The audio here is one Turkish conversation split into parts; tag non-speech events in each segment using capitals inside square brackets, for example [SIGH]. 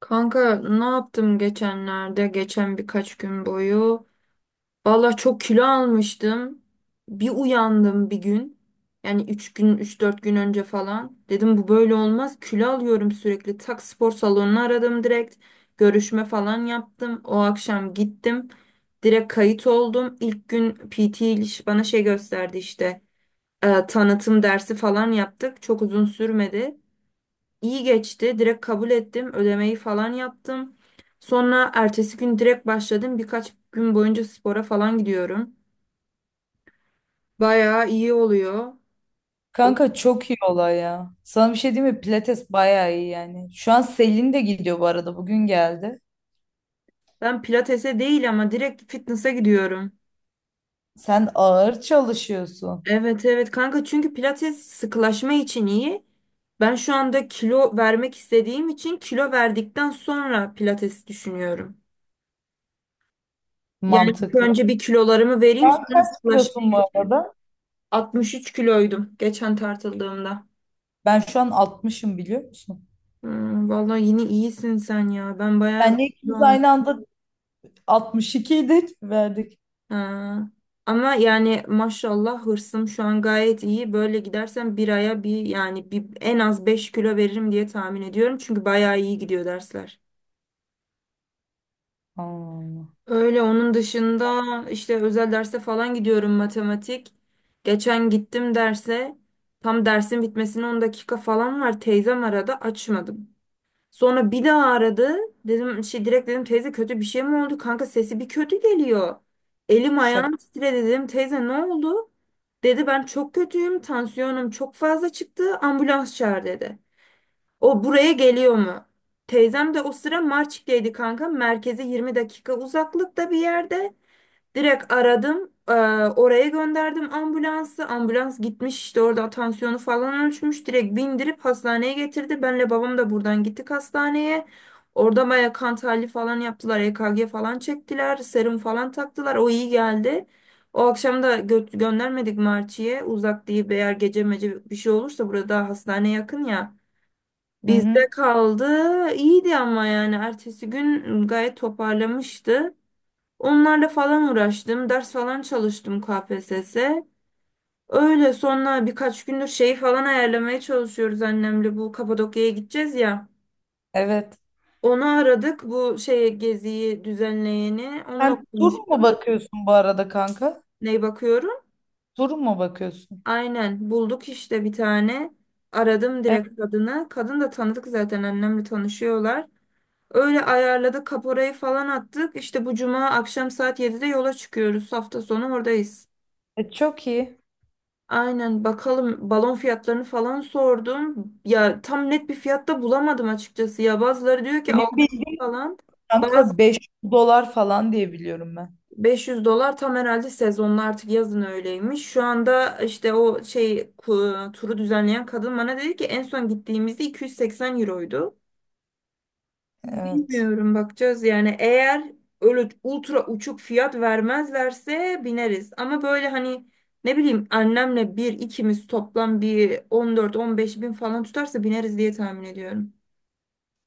Kanka ne yaptım geçenlerde, geçen birkaç gün boyu? Valla çok kilo almıştım. Bir uyandım bir gün. Yani 3 gün, üç dört gün önce falan. Dedim bu böyle olmaz. Kilo alıyorum sürekli. Tak spor salonunu aradım direkt. Görüşme falan yaptım. O akşam gittim. Direkt kayıt oldum. İlk gün PT ile bana şey gösterdi işte. Tanıtım dersi falan yaptık. Çok uzun sürmedi. İyi geçti. Direkt kabul ettim. Ödemeyi falan yaptım. Sonra ertesi gün direkt başladım. Birkaç gün boyunca spora falan gidiyorum. Bayağı iyi oluyor. O- Kanka çok iyi olay ya. Sana bir şey diyeyim mi? Pilates bayağı iyi yani. Şu an Selin de gidiyor bu arada. Bugün geldi. Ben pilatese değil ama direkt fitness'a gidiyorum. Sen ağır çalışıyorsun. Evet evet kanka, çünkü pilates sıkılaşma için iyi. Ben şu anda kilo vermek istediğim için kilo verdikten sonra pilates düşünüyorum. Yani ilk Mantıklı. önce bir kilolarımı vereyim, Sen sonra kaç sıkılaşmaya kilosun bu geçeyim. arada? 63 kiloydum geçen tartıldığımda. Ben şu an altmışım, biliyor musun? Hmm, vallahi yine iyisin sen ya. Ben bayağı Senle ikimiz yol. aynı anda altmış ikiydik, verdik. Ha. Ama yani maşallah hırsım şu an gayet iyi. Böyle gidersen bir aya yani en az 5 kilo veririm diye tahmin ediyorum. Çünkü bayağı iyi gidiyor dersler. Allah. Öyle, onun dışında işte özel derse falan gidiyorum, matematik. Geçen gittim derse, tam dersin bitmesine 10 dakika falan var. Teyzem arada, açmadım. Sonra bir daha aradı. Dedim şey, direkt dedim, teyze kötü bir şey mi oldu? Kanka sesi bir kötü geliyor. Elim Şaka. ayağım titredi, dedim teyze ne oldu? Dedi ben çok kötüyüm. Tansiyonum çok fazla çıktı. Ambulans çağır dedi. O buraya geliyor mu? Teyzem de o sıra Marçik'teydi kanka. Merkeze 20 dakika uzaklıkta bir yerde. Direkt aradım. Oraya gönderdim ambulansı. Ambulans gitmiş, işte orada tansiyonu falan ölçmüş. Direkt bindirip hastaneye getirdi. Benle babam da buradan gittik hastaneye. Orada baya kan tahlili falan yaptılar. EKG falan çektiler. Serum falan taktılar. O iyi geldi. O akşam da göndermedik Marçi'ye. Uzak değil, eğer gece mece bir şey olursa burada daha hastane yakın ya. Hı Bizde hı. kaldı. İyiydi ama yani ertesi gün gayet toparlamıştı. Onlarla falan uğraştım. Ders falan çalıştım KPSS'e. Öyle, sonra birkaç gündür şeyi falan ayarlamaya çalışıyoruz annemle. Bu Kapadokya'ya gideceğiz ya. Evet. Onu aradık. Bu şey, geziyi düzenleyeni. Onunla Sen tur mu konuştum. bakıyorsun bu arada, kanka? Ney bakıyorum? Tur mu bakıyorsun? Aynen, bulduk işte bir tane. Aradım Evet. direkt kadını. Kadın da tanıdık, zaten annemle tanışıyorlar. Öyle ayarladık, kaporayı falan attık. İşte bu cuma akşam saat 7'de yola çıkıyoruz. Hafta sonu oradayız. Çok iyi. Aynen, bakalım. Balon fiyatlarını falan sordum. Ya tam net bir fiyatta bulamadım açıkçası. Ya bazıları diyor ki Benim 600 bildiğim, falan. Bazı kanka, 5 dolar falan diye biliyorum ben. 500 dolar tam, herhalde sezonla artık, yazın öyleymiş. Şu anda işte o şey, turu düzenleyen kadın bana dedi ki en son gittiğimizde 280 euroydu. Evet. Bilmiyorum, bakacağız yani. Eğer öyle ultra uçuk fiyat vermezlerse bineriz. Ama böyle hani, ne bileyim annemle bir ikimiz toplam bir 14-15 bin falan tutarsa bineriz diye tahmin ediyorum.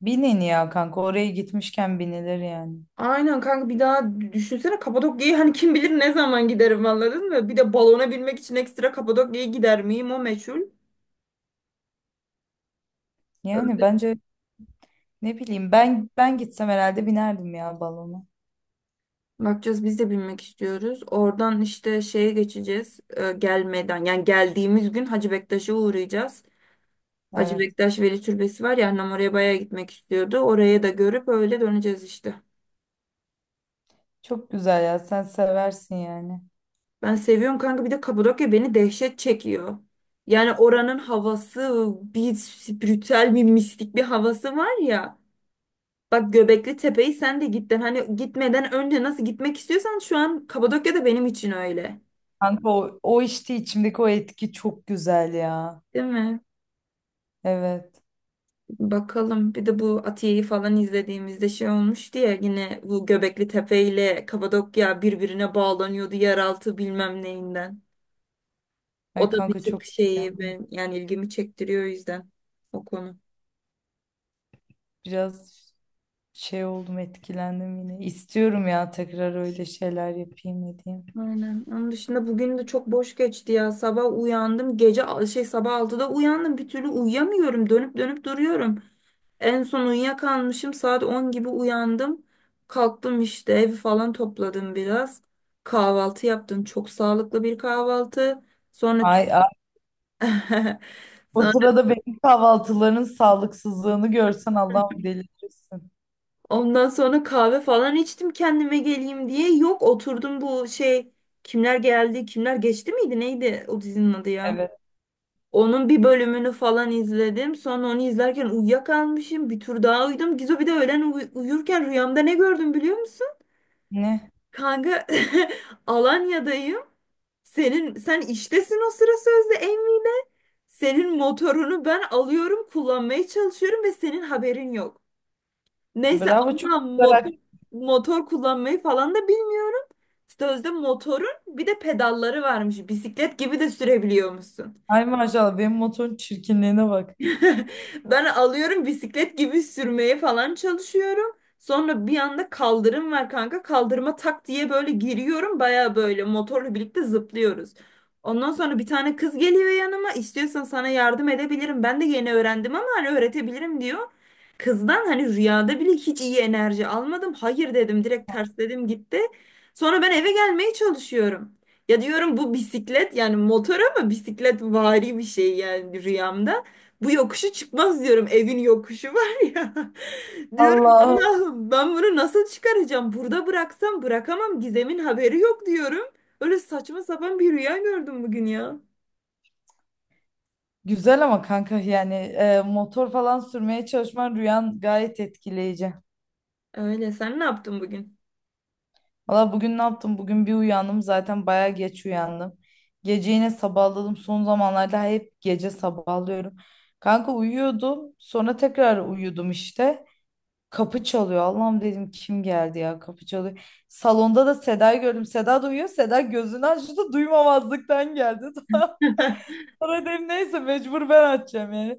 Binin ya kanka, oraya gitmişken binilir yani. Aynen kanka, bir daha düşünsene Kapadokya'yı, hani kim bilir ne zaman giderim, anladın mı? Bir de balona binmek için ekstra Kapadokya'ya gider miyim, o meçhul. Yani Öyle. bence ne bileyim, ben gitsem herhalde binerdim ya balona. Bakacağız, biz de binmek istiyoruz. Oradan işte şeye geçeceğiz, gelmeden yani geldiğimiz gün Hacı Bektaş'a uğrayacağız. Hacı Evet. Bektaş Veli Türbesi var ya, annem oraya bayağı gitmek istiyordu. Oraya da görüp öyle döneceğiz işte. Çok güzel ya, sen seversin yani. Ben seviyorum kanka, bir de Kapadokya beni dehşet çekiyor. Yani oranın havası, bir spiritüel, bir mistik bir havası var ya. Bak, Göbekli Tepe'yi sen de gittin, hani gitmeden önce nasıl gitmek istiyorsan, şu an Kapadokya da benim için öyle. Kanka o, işte içimdeki o etki çok güzel ya. Değil mi? Evet. Bakalım. Bir de bu Atiye'yi falan izlediğimizde şey olmuştu ya, yine bu Göbekli Tepe ile Kapadokya birbirine bağlanıyordu yeraltı bilmem neyinden. ay O da bir kanka çok tık şeyi, heyecan- ben yani ilgimi çektiriyor o yüzden o konu. biraz şey oldum, etkilendim yine. İstiyorum ya tekrar öyle şeyler yapayım edeyim. Aynen. Onun dışında bugün de çok boş geçti ya. Sabah uyandım. Gece şey sabah 6'da uyandım. Bir türlü uyuyamıyorum. Dönüp dönüp duruyorum. En son uyuyakalmışım. Saat 10 gibi uyandım. Kalktım, işte evi falan topladım biraz. Kahvaltı yaptım. Çok sağlıklı bir kahvaltı. Sonra tüm... Ay, [LAUGHS] o Sonra sırada benim kahvaltıların sağlıksızlığını görsen Allah'ım delirirsin. Ondan sonra kahve falan içtim, kendime geleyim diye. Yok, oturdum bu şey, kimler geldi kimler geçti miydi neydi, o dizinin adı ya. Evet. Onun bir bölümünü falan izledim. Sonra onu izlerken uyuyakalmışım. Bir tur daha uyudum. Gizo, bir de öğlen uyurken rüyamda ne gördüm biliyor musun? Ne? Kanka, [LAUGHS] Alanya'dayım. Senin, sen iştesin o sıra sözde, Emmi'yle. Senin motorunu ben alıyorum, kullanmaya çalışıyorum ve senin haberin yok. Neyse, Bravo, çok anlam, güzel. motor, Ak- motor kullanmayı falan da bilmiyorum. Sözde motorun bir de pedalları varmış. Bisiklet gibi de sürebiliyormuşsun. ay maşallah, benim motorun çirkinliğine bak. [LAUGHS] Ben alıyorum, bisiklet gibi sürmeye falan çalışıyorum. Sonra bir anda kaldırım var kanka. Kaldırıma tak diye böyle giriyorum. Baya böyle motorla birlikte zıplıyoruz. Ondan sonra bir tane kız geliyor yanıma. İstiyorsan sana yardım edebilirim. Ben de yeni öğrendim ama hani öğretebilirim, diyor. Kızdan, hani rüyada bile hiç iyi enerji almadım. Hayır dedim, direkt tersledim, gitti. Sonra ben eve gelmeye çalışıyorum. Ya diyorum, bu bisiklet yani motor ama bisiklet vari bir şey yani rüyamda. Bu yokuşu çıkmaz diyorum. Evin yokuşu var ya. [LAUGHS] Diyorum Allah'ım. Allah'ım, ben bunu nasıl çıkaracağım? Burada bıraksam, bırakamam. Gizem'in haberi yok, diyorum. Öyle saçma sapan bir rüya gördüm bugün ya. Güzel ama kanka, yani motor falan sürmeye çalışman, rüyan gayet etkileyici. Öyle, sen ne yaptın bugün? Valla bugün ne yaptım? Bugün bir uyandım, zaten baya geç uyandım. Gece yine sabahladım. Son zamanlarda hep gece sabahlıyorum. Kanka uyuyordum. Sonra tekrar uyudum işte. Kapı çalıyor. Allah'ım dedim, kim geldi ya, kapı çalıyor. Salonda da Seda'yı gördüm. Seda da uyuyor. Seda gözünü açtı, duymamazlıktan geldi. [LAUGHS] [LAUGHS] Sonra dedim neyse, mecbur ben açacağım yani.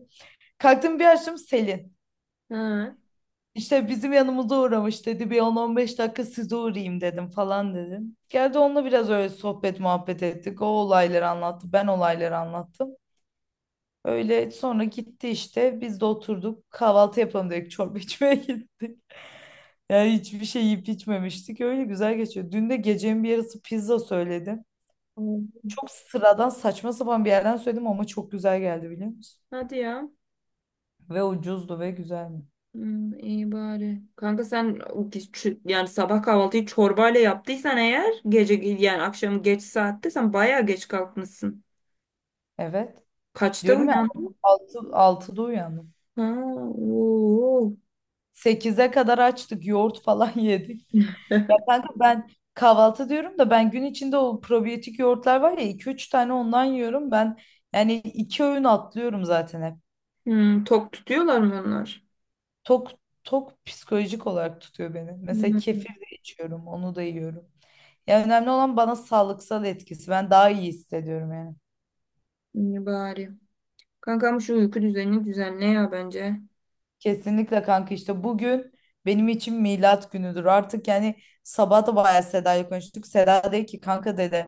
Kalktım, bir açtım, Selin. Ha. İşte bizim yanımıza uğramış dedi. Bir on on beş dakika size uğrayayım dedim falan dedim. Geldi, onunla biraz öyle sohbet muhabbet ettik. O olayları anlattı. Ben olayları anlattım. Öyle sonra gitti işte. Biz de oturduk. Kahvaltı yapalım dedik. Çorba [LAUGHS] içmeye gittik. Yani hiçbir şey yiyip içmemiştik. Öyle güzel geçiyor. Dün de gecenin bir yarısı pizza söyledim. Çok sıradan saçma sapan bir yerden söyledim ama çok güzel geldi, biliyor musun? Hadi ya. Ve ucuzdu ve güzeldi. Hmm, iyi bari. Kanka sen o yani sabah kahvaltıyı çorbayla yaptıysan, eğer gece yani akşam geç saatte, sen bayağı geç kalkmışsın. Evet. Kaçta Diyorum ya, uyandın? 6'da uyandım. Ha, oo. Sekize kadar açtık. Yoğurt falan [LAUGHS] yedik. [LAUGHS] Ya kanka, ben kahvaltı diyorum da ben gün içinde o probiyotik yoğurtlar var ya, iki üç tane ondan yiyorum. Yani iki öğün atlıyorum zaten hep. Hmm, tok tutuyorlar mı onlar? Tok Tok psikolojik olarak tutuyor beni. Mesela Hmm, kefir de içiyorum. Onu da yiyorum. Ya önemli olan bana sağlıksal etkisi. Ben daha iyi hissediyorum yani. iyi bari. Kankam şu uyku düzenini düzenle ya, bence. Kesinlikle kanka, işte bugün benim için milat günüdür. Artık yani sabah da bayağı Seda'yla konuştuk. Seda dedi ki kanka dedi,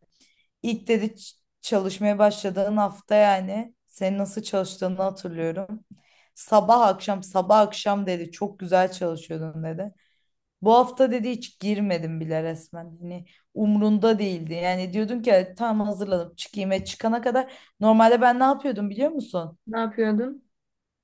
ilk dedi çalışmaya başladığın hafta, yani senin nasıl çalıştığını hatırlıyorum. Sabah akşam sabah akşam dedi, çok güzel çalışıyordun dedi. Bu hafta dedi hiç girmedim bile resmen. Hani umrunda değildi. Yani diyordun ki "Ay, tamam hazırladım çıkayım." E çıkana kadar normalde ben ne yapıyordum, biliyor musun? Ne yapıyordun?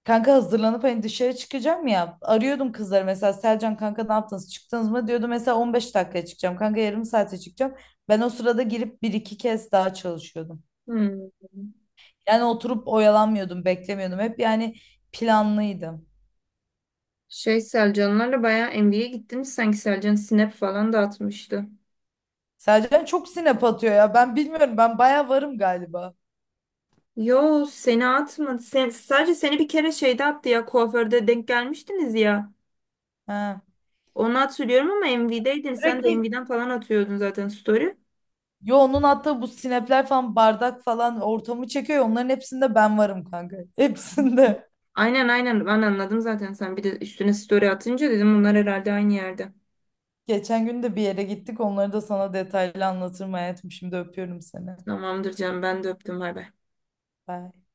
Kanka hazırlanıp hani dışarı çıkacağım ya. Arıyordum kızları, mesela Selcan kanka ne yaptınız, çıktınız mı? Diyordu mesela 15 dakikaya çıkacağım. Kanka yarım saate çıkacağım. Ben o sırada girip bir iki kez daha çalışıyordum. Hmm. Yani oturup oyalanmıyordum, beklemiyordum. Hep yani planlıydım. Şey, Selcanlarla bayağı NBA'ye gittiniz sanki, Selcan snap falan da atmıştı. Selcan çok sinep atıyor ya. Ben bilmiyorum, ben baya varım galiba. Yo, seni atmadı. Sadece seni bir kere şeyde attı ya, kuaförde denk gelmiştiniz ya. Ha. Onu hatırlıyorum ama MV'deydin. Sen de Sürekli, MV'den falan atıyordun zaten, story. yo, onun attığı bu sinepler falan, bardak falan ortamı çekiyor ya. Onların hepsinde ben varım kanka. [LAUGHS] Hepsinde. Aynen aynen, ben anladım zaten, sen bir de üstüne story atınca dedim bunlar herhalde aynı yerde. Geçen gün de bir yere gittik. Onları da sana detaylı anlatırım hayatım. Şimdi öpüyorum seni. Tamamdır canım, ben de öptüm, bay bay. Bye.